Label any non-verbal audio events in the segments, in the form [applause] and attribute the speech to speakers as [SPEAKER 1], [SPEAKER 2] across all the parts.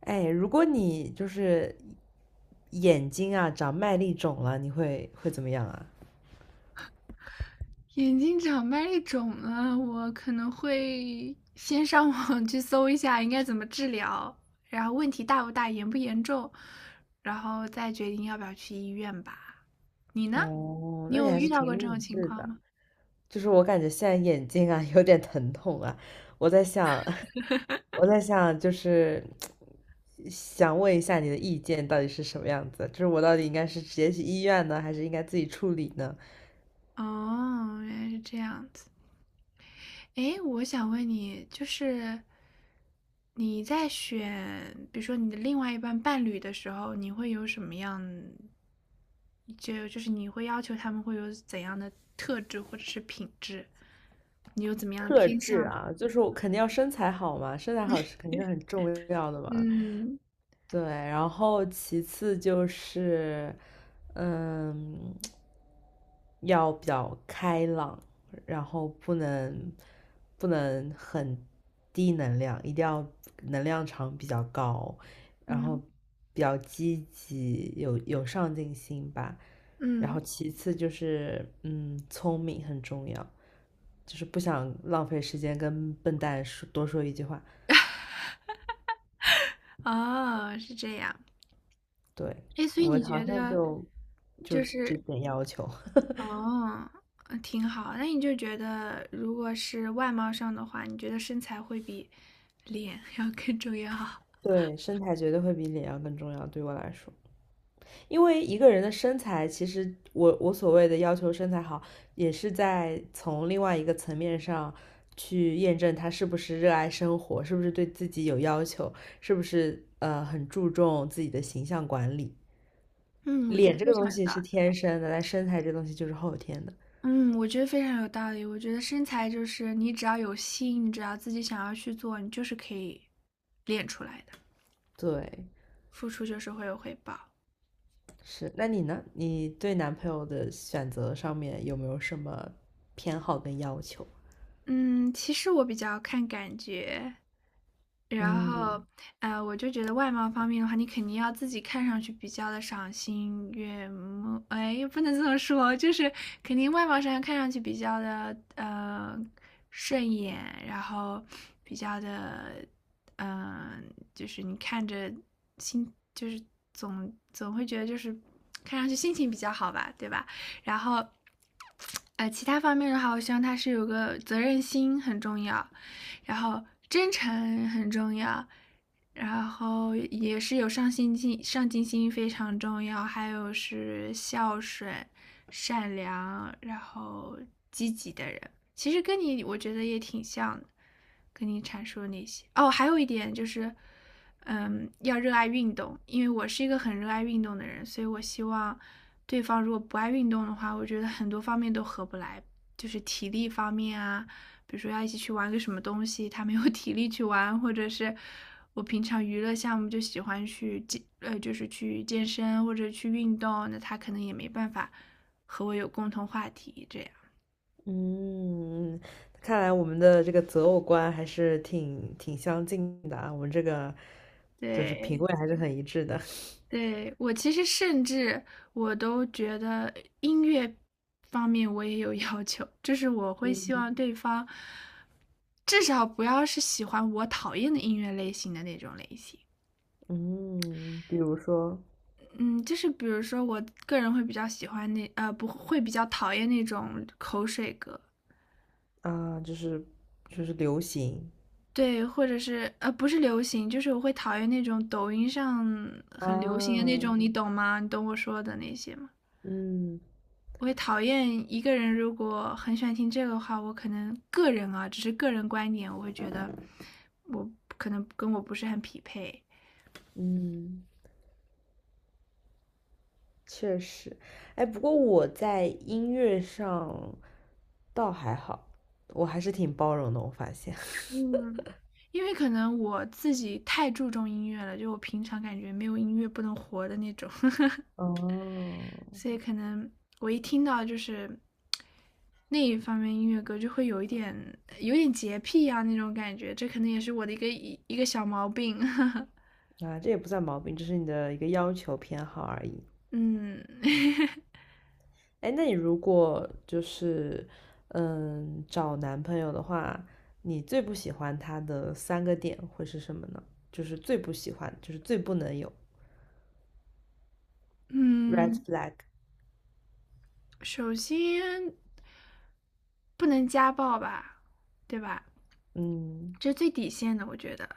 [SPEAKER 1] 哎，如果你就是眼睛啊长麦粒肿了，你会怎么样啊？
[SPEAKER 2] 眼睛长麦粒肿了，我可能会先上网 [laughs] 去搜一下应该怎么治疗，然后问题大不大，严不严重，然后再决定要不要去医院吧。你呢？
[SPEAKER 1] 哦，
[SPEAKER 2] 你
[SPEAKER 1] 那你
[SPEAKER 2] 有
[SPEAKER 1] 还
[SPEAKER 2] 遇
[SPEAKER 1] 是
[SPEAKER 2] 到过
[SPEAKER 1] 挺
[SPEAKER 2] 这种
[SPEAKER 1] 理
[SPEAKER 2] 情
[SPEAKER 1] 智
[SPEAKER 2] 况
[SPEAKER 1] 的。
[SPEAKER 2] 吗？
[SPEAKER 1] 就是我感觉现在眼睛啊 [laughs] 有点疼痛啊，我在想，[laughs] 我在想，就是想问一下你的意见到底是什么样子？就是我到底应该是直接去医院呢，还是应该自己处理呢？
[SPEAKER 2] 哦，原来是这样子。诶，我想问你，就是你在选，比如说你的另外一半伴侣的时候，你会有什么样，就是你会要求他们会有怎样的特质或者是品质？你有怎么样的
[SPEAKER 1] 特
[SPEAKER 2] 偏
[SPEAKER 1] 质
[SPEAKER 2] 向吗？
[SPEAKER 1] 啊，就是我肯定要身材好嘛，身材好是肯定很重要的嘛。
[SPEAKER 2] 嗯
[SPEAKER 1] 对，然后其次就是，嗯，要比较开朗，然后不能很低能量，一定要能量场比较高，然后
[SPEAKER 2] 嗯
[SPEAKER 1] 比较积极，有上进心吧。然后
[SPEAKER 2] 嗯，
[SPEAKER 1] 其次就是，聪明很重要，就是不想浪费时间跟笨蛋说一句话。
[SPEAKER 2] 哦，是这样。
[SPEAKER 1] 对，
[SPEAKER 2] 诶，所以
[SPEAKER 1] 我
[SPEAKER 2] 你
[SPEAKER 1] 好
[SPEAKER 2] 觉
[SPEAKER 1] 像
[SPEAKER 2] 得，
[SPEAKER 1] 就
[SPEAKER 2] 就
[SPEAKER 1] 这
[SPEAKER 2] 是
[SPEAKER 1] 点要求。[laughs]
[SPEAKER 2] 哦，挺好。那你就觉得，如果是外貌上的话，你觉得身材会比脸 [laughs] 要更重要？[laughs]
[SPEAKER 1] 对，身材绝对会比脸要更重要，对我来说，因为一个人的身材，其实我所谓的要求身材好，也是在从另外一个层面上去验证他是不是热爱生活，是不是对自己有要求，是不是很注重自己的形象管理。
[SPEAKER 2] 嗯，我觉得
[SPEAKER 1] 脸这
[SPEAKER 2] 非
[SPEAKER 1] 个
[SPEAKER 2] 常
[SPEAKER 1] 东
[SPEAKER 2] 有
[SPEAKER 1] 西
[SPEAKER 2] 道
[SPEAKER 1] 是
[SPEAKER 2] 理。
[SPEAKER 1] 天生的，但身材这东西就是后天的。
[SPEAKER 2] 嗯，我觉得非常有道理。我觉得身材就是你只要有心，你只要自己想要去做，你就是可以练出来的。
[SPEAKER 1] 对，
[SPEAKER 2] 付出就是会有回报。
[SPEAKER 1] 是，那你呢？你对男朋友的选择上面有没有什么偏好跟要求？
[SPEAKER 2] 嗯，其实我比较看感觉。然后，
[SPEAKER 1] 嗯
[SPEAKER 2] 我就觉得外貌方面的话，你肯定要自己看上去比较的赏心悦目，哎，也不能这么说，就是肯定外貌上看上去比较的顺眼，然后比较的，嗯、就是你看着心，就是总会觉得就是看上去心情比较好吧，对吧？然后，其他方面的话，我希望他是有个责任心很重要，然后真诚很重要，然后也是有上进心，上进心非常重要，还有是孝顺、善良，然后积极的人。其实跟你我觉得也挺像的，跟你阐述那些。哦，还有一点就是，嗯，要热爱运动，因为我是一个很热爱运动的人，所以我希望对方如果不爱运动的话，我觉得很多方面都合不来，就是体力方面啊，比如说要一起去玩个什么东西，他没有 [laughs] 体力去玩，或者是我平常娱乐项目就喜欢去健，就是去健身或者去运动，那他可能也没办法和我有共同话题，这样。
[SPEAKER 1] 嗯，看来我们的这个择偶观还是挺相近的啊，我们这个就是品
[SPEAKER 2] 对，
[SPEAKER 1] 味还是很一致的。
[SPEAKER 2] 对，我其实甚至我都觉得音乐方面我也有 [laughs] 要求，就是我会希
[SPEAKER 1] 嗯
[SPEAKER 2] 望对方至少不要是喜欢我讨厌的音乐类型的那种类型。
[SPEAKER 1] 嗯，比如说
[SPEAKER 2] 嗯，就是比如说，我个人会比较喜欢那不会比较讨厌那种口水歌，
[SPEAKER 1] 啊，就是流行
[SPEAKER 2] 对，或者是不是流行，就是我会讨厌那种抖音上很流行的
[SPEAKER 1] 啊，
[SPEAKER 2] 那种，你懂吗？你懂我说的那些吗？
[SPEAKER 1] 嗯
[SPEAKER 2] 我会讨厌一个人如果很喜欢听这个的话，我可能个人啊，只是个人观点，我会觉得我可能跟我不是很匹配，
[SPEAKER 1] 嗯。确实，哎，不过我在音乐上倒还好，我还是挺包容的，我发现。[laughs]
[SPEAKER 2] 嗯因为可能我自己太注重音乐了，就我平常感觉没有音乐不能活的那种。[laughs]
[SPEAKER 1] 哦，
[SPEAKER 2] 所以可能我一听到就是那一方面音乐歌，就会有一点洁癖啊那种感觉，这可能也是我的一个小毛病。[laughs]
[SPEAKER 1] 啊，这也不算毛病，这是你的一个要求偏好而已。
[SPEAKER 2] 嗯
[SPEAKER 1] 哎，那你如果就是找男朋友的话，你最不喜欢他的3个点会是什么呢？就是最不喜欢，就是最不能有 red
[SPEAKER 2] 嗯，
[SPEAKER 1] flag。
[SPEAKER 2] 首先不能家暴吧，对吧？
[SPEAKER 1] 嗯，
[SPEAKER 2] 这是最底线的，我觉得。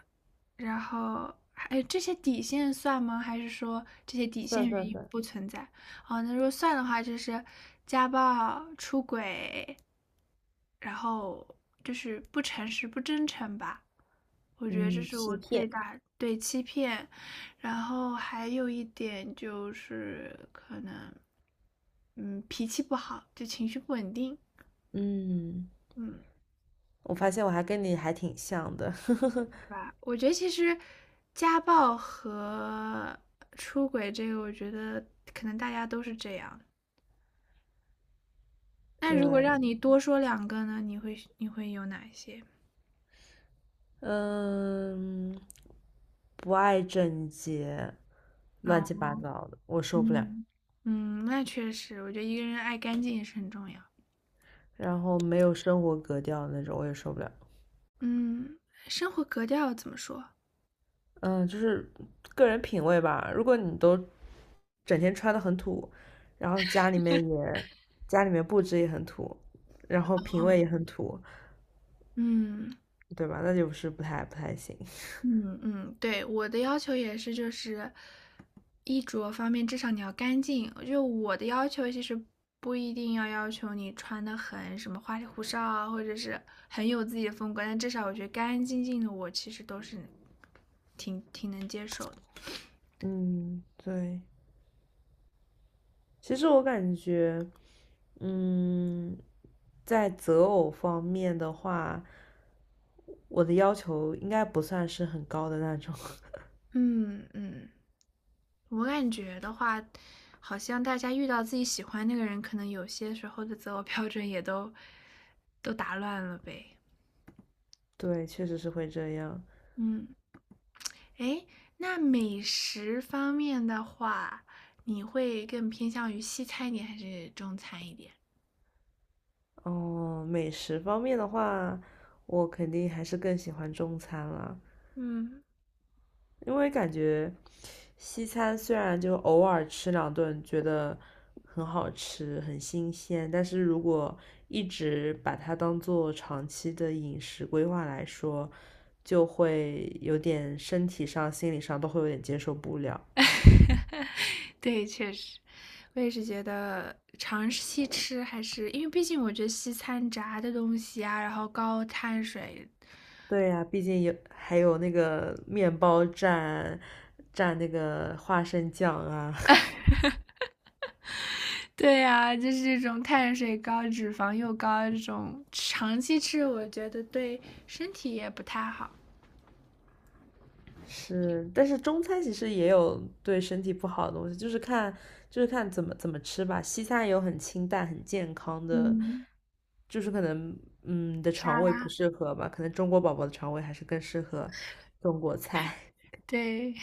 [SPEAKER 2] 然后，哎，这些底线算吗？还是说这些底
[SPEAKER 1] 算
[SPEAKER 2] 线
[SPEAKER 1] 算
[SPEAKER 2] 原因
[SPEAKER 1] 算，
[SPEAKER 2] 不存在？哦，那如果算的话，就是家暴、出轨，然后就是不诚实、不真诚吧。我觉得这
[SPEAKER 1] 嗯，
[SPEAKER 2] 是
[SPEAKER 1] 欺
[SPEAKER 2] 我最
[SPEAKER 1] 骗。
[SPEAKER 2] 大对欺骗，然后还有一点就是可能，嗯，脾气不好，就情绪不稳定，
[SPEAKER 1] 嗯。
[SPEAKER 2] 嗯，
[SPEAKER 1] 我发现我还跟你还挺像的，[laughs]
[SPEAKER 2] 对吧？我觉得其实家暴和出轨这个，我觉得可能大家都是这样。那如果让你
[SPEAKER 1] 对，
[SPEAKER 2] 多说两个呢，你会有哪些？
[SPEAKER 1] 嗯，不爱整洁，乱七八
[SPEAKER 2] 嗯
[SPEAKER 1] 糟的，我受不了。
[SPEAKER 2] 嗯嗯，那确实，我觉得一个人爱干净也是很重要。
[SPEAKER 1] 然后没有生活格调的那种，我也受不了。
[SPEAKER 2] 嗯，生活格调怎么说？
[SPEAKER 1] 嗯，就是个人品味吧。如果你都整天穿的很土，然后家里面布置也很土，然后品
[SPEAKER 2] 哦。
[SPEAKER 1] 味也很土，
[SPEAKER 2] 嗯，
[SPEAKER 1] 对吧？那就是不太行。[laughs]
[SPEAKER 2] 嗯。嗯，对，我的要求也是就是衣着方面，至少你要干净。就我的要求其实不一定要要求你穿的很什么花里胡哨啊，或者是很有自己的风格，但至少我觉得干干净净的，我其实都是挺能接受的。
[SPEAKER 1] 嗯，对。其实我感觉。嗯，在择偶方面的话，我的要求应该不算是很高的那种。[laughs]
[SPEAKER 2] 嗯，嗯。我感觉的话，好像大家遇到自己喜欢那个人，可能有些时候的择偶标准也都打乱了呗。
[SPEAKER 1] 对，确实是会这样。
[SPEAKER 2] 嗯，诶，那美食方面的话，你会更偏向于西餐一点还是中餐一点？
[SPEAKER 1] 哦，美食方面的话，我肯定还是更喜欢中餐啦，
[SPEAKER 2] 嗯，
[SPEAKER 1] 因为感觉西餐虽然就偶尔吃2顿觉得很好吃、很新鲜，但是如果一直把它当做长期的饮食规划来说，就会有点身体上、心理上都会有点接受不了。
[SPEAKER 2] [laughs] 对，确实，我也是觉得尝西吃还是因为毕竟我觉得西餐炸的东西啊，然后高碳水
[SPEAKER 1] 对呀、啊毕竟还有那个面包蘸蘸那个花生酱啊，
[SPEAKER 2] 对呀、就是这种碳水高、脂肪又高，这种长期吃，我觉得对身体也不太好。
[SPEAKER 1] [laughs] 是。但是中餐其实也有对身体不好的东西，就是看怎么吃吧。西餐也有很清淡、很健康的，
[SPEAKER 2] 嗯，
[SPEAKER 1] 就是可能你的肠
[SPEAKER 2] 沙
[SPEAKER 1] 胃不
[SPEAKER 2] 拉，
[SPEAKER 1] 适合吧，可能中国宝宝的肠胃还是更适合中国菜。
[SPEAKER 2] 对，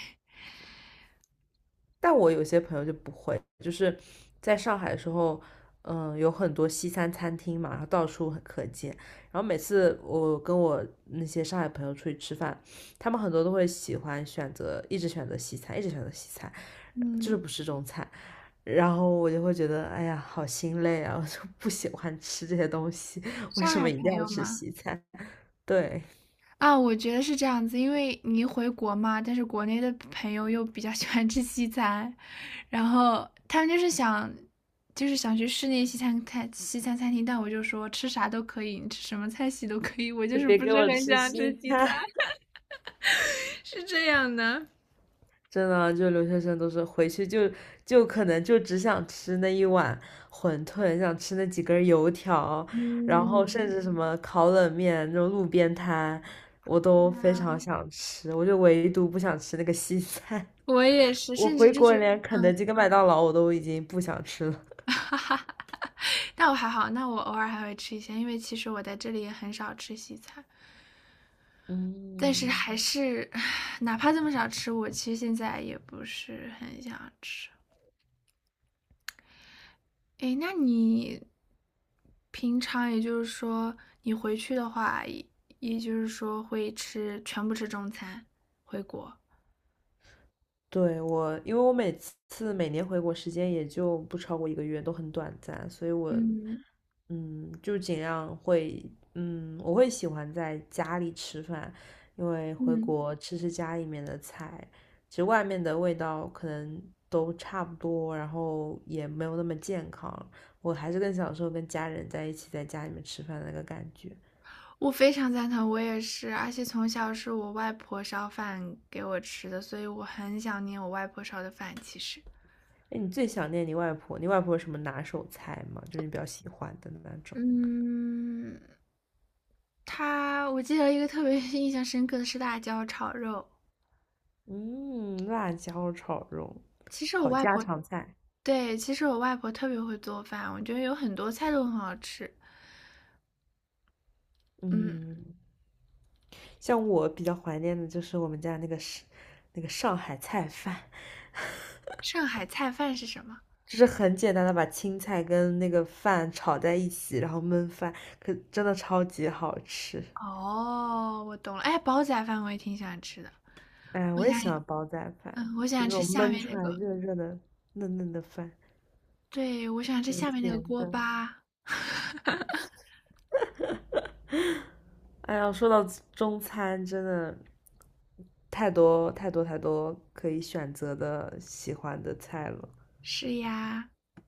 [SPEAKER 1] 但我有些朋友就不会，就是在上海的时候，有很多西餐餐厅嘛，然后到处很可见。然后每次我跟我那些上海朋友出去吃饭，他们很多都会喜欢选择，一直选择西餐，一直选择西餐，就是
[SPEAKER 2] 嗯，
[SPEAKER 1] 不吃中餐。然后我就会觉得，哎呀，好心累啊，我就不喜欢吃这些东西，为
[SPEAKER 2] 上
[SPEAKER 1] 什
[SPEAKER 2] 海
[SPEAKER 1] 么一定
[SPEAKER 2] 朋
[SPEAKER 1] 要
[SPEAKER 2] 友
[SPEAKER 1] 吃
[SPEAKER 2] 嘛，
[SPEAKER 1] 西餐？对，
[SPEAKER 2] 啊，我觉得是这样子，因为你回国嘛，但是国内的朋友又比较喜欢吃西餐，然后他们就是想，就是想去室内西餐餐厅，但我就说吃啥都可以，你吃什么菜系都可以，我就
[SPEAKER 1] 就
[SPEAKER 2] 是
[SPEAKER 1] 别
[SPEAKER 2] 不
[SPEAKER 1] 给
[SPEAKER 2] 是
[SPEAKER 1] 我
[SPEAKER 2] 很
[SPEAKER 1] 吃
[SPEAKER 2] 想吃
[SPEAKER 1] 西
[SPEAKER 2] 西餐，
[SPEAKER 1] 餐。
[SPEAKER 2] [laughs] 是这样的。
[SPEAKER 1] 真的，就留学生都是回去就可能就只想吃那一碗馄饨，想吃那几根油条，然后甚
[SPEAKER 2] 嗯，
[SPEAKER 1] 至什么烤冷面那种路边摊，我都非常想吃，我就唯独不想吃那个西餐。
[SPEAKER 2] 我也是，
[SPEAKER 1] [laughs] 我
[SPEAKER 2] 甚至
[SPEAKER 1] 回
[SPEAKER 2] 就
[SPEAKER 1] 国
[SPEAKER 2] 是，
[SPEAKER 1] 连肯德
[SPEAKER 2] 嗯，
[SPEAKER 1] 基跟麦当劳我都已经不想吃了。
[SPEAKER 2] 但我还好，那我偶尔还会吃一些，因为其实我在这里也很少吃西餐，但是
[SPEAKER 1] 嗯，
[SPEAKER 2] 还是，[sighs] 哪怕这么少吃，我其实现在也不是很想吃。诶，那你平常也就是说，你回去的话，也就是说会吃，全部吃中餐，回国。
[SPEAKER 1] 对，我，因为我每年回国时间也就不超过一个月，都很短暂，所以我
[SPEAKER 2] 嗯
[SPEAKER 1] 就尽量会，我会喜欢在家里吃饭，因为回
[SPEAKER 2] 嗯。
[SPEAKER 1] 国吃家里面的菜，其实外面的味道可能都差不多，然后也没有那么健康。我还是更享受跟家人在一起在家里面吃饭的那个感觉。
[SPEAKER 2] 我非常赞同，我也是，而且从小是我外婆烧饭给我吃的，所以我很想念我外婆烧的饭。其实，
[SPEAKER 1] 哎，你最想念你外婆？你外婆有什么拿手菜吗？就是你比较喜欢的那种？
[SPEAKER 2] 嗯，她我记得一个特别 [laughs] 印象深刻的是辣椒炒肉。
[SPEAKER 1] 嗯，辣椒炒肉，
[SPEAKER 2] 其实我
[SPEAKER 1] 好
[SPEAKER 2] 外
[SPEAKER 1] 家
[SPEAKER 2] 婆，
[SPEAKER 1] 常菜。
[SPEAKER 2] 对，其实我外婆特别会做饭，我觉得有很多菜都很好吃。嗯，
[SPEAKER 1] 嗯，像我比较怀念的就是我们家那个上海菜饭，
[SPEAKER 2] 上海菜饭是什么？
[SPEAKER 1] 就是很简单的把青菜跟那个饭炒在一起，然后焖饭，可真的超级好吃。
[SPEAKER 2] 哦，我懂了。哎，煲仔饭我也挺喜欢吃的，
[SPEAKER 1] 哎，
[SPEAKER 2] 我
[SPEAKER 1] 我
[SPEAKER 2] 想，
[SPEAKER 1] 也喜欢煲仔饭，
[SPEAKER 2] 嗯，我
[SPEAKER 1] 就
[SPEAKER 2] 想
[SPEAKER 1] 那
[SPEAKER 2] 吃
[SPEAKER 1] 种
[SPEAKER 2] 下
[SPEAKER 1] 焖
[SPEAKER 2] 面
[SPEAKER 1] 出
[SPEAKER 2] 那
[SPEAKER 1] 来
[SPEAKER 2] 个，
[SPEAKER 1] 热热的、嫩嫩的饭，
[SPEAKER 2] 对，我想吃
[SPEAKER 1] 甜
[SPEAKER 2] 下面那个
[SPEAKER 1] 甜
[SPEAKER 2] 锅
[SPEAKER 1] 的。
[SPEAKER 2] 巴。
[SPEAKER 1] 哎呀，说到中餐，真的太多太多太多可以选择的喜欢的菜了。
[SPEAKER 2] 是呀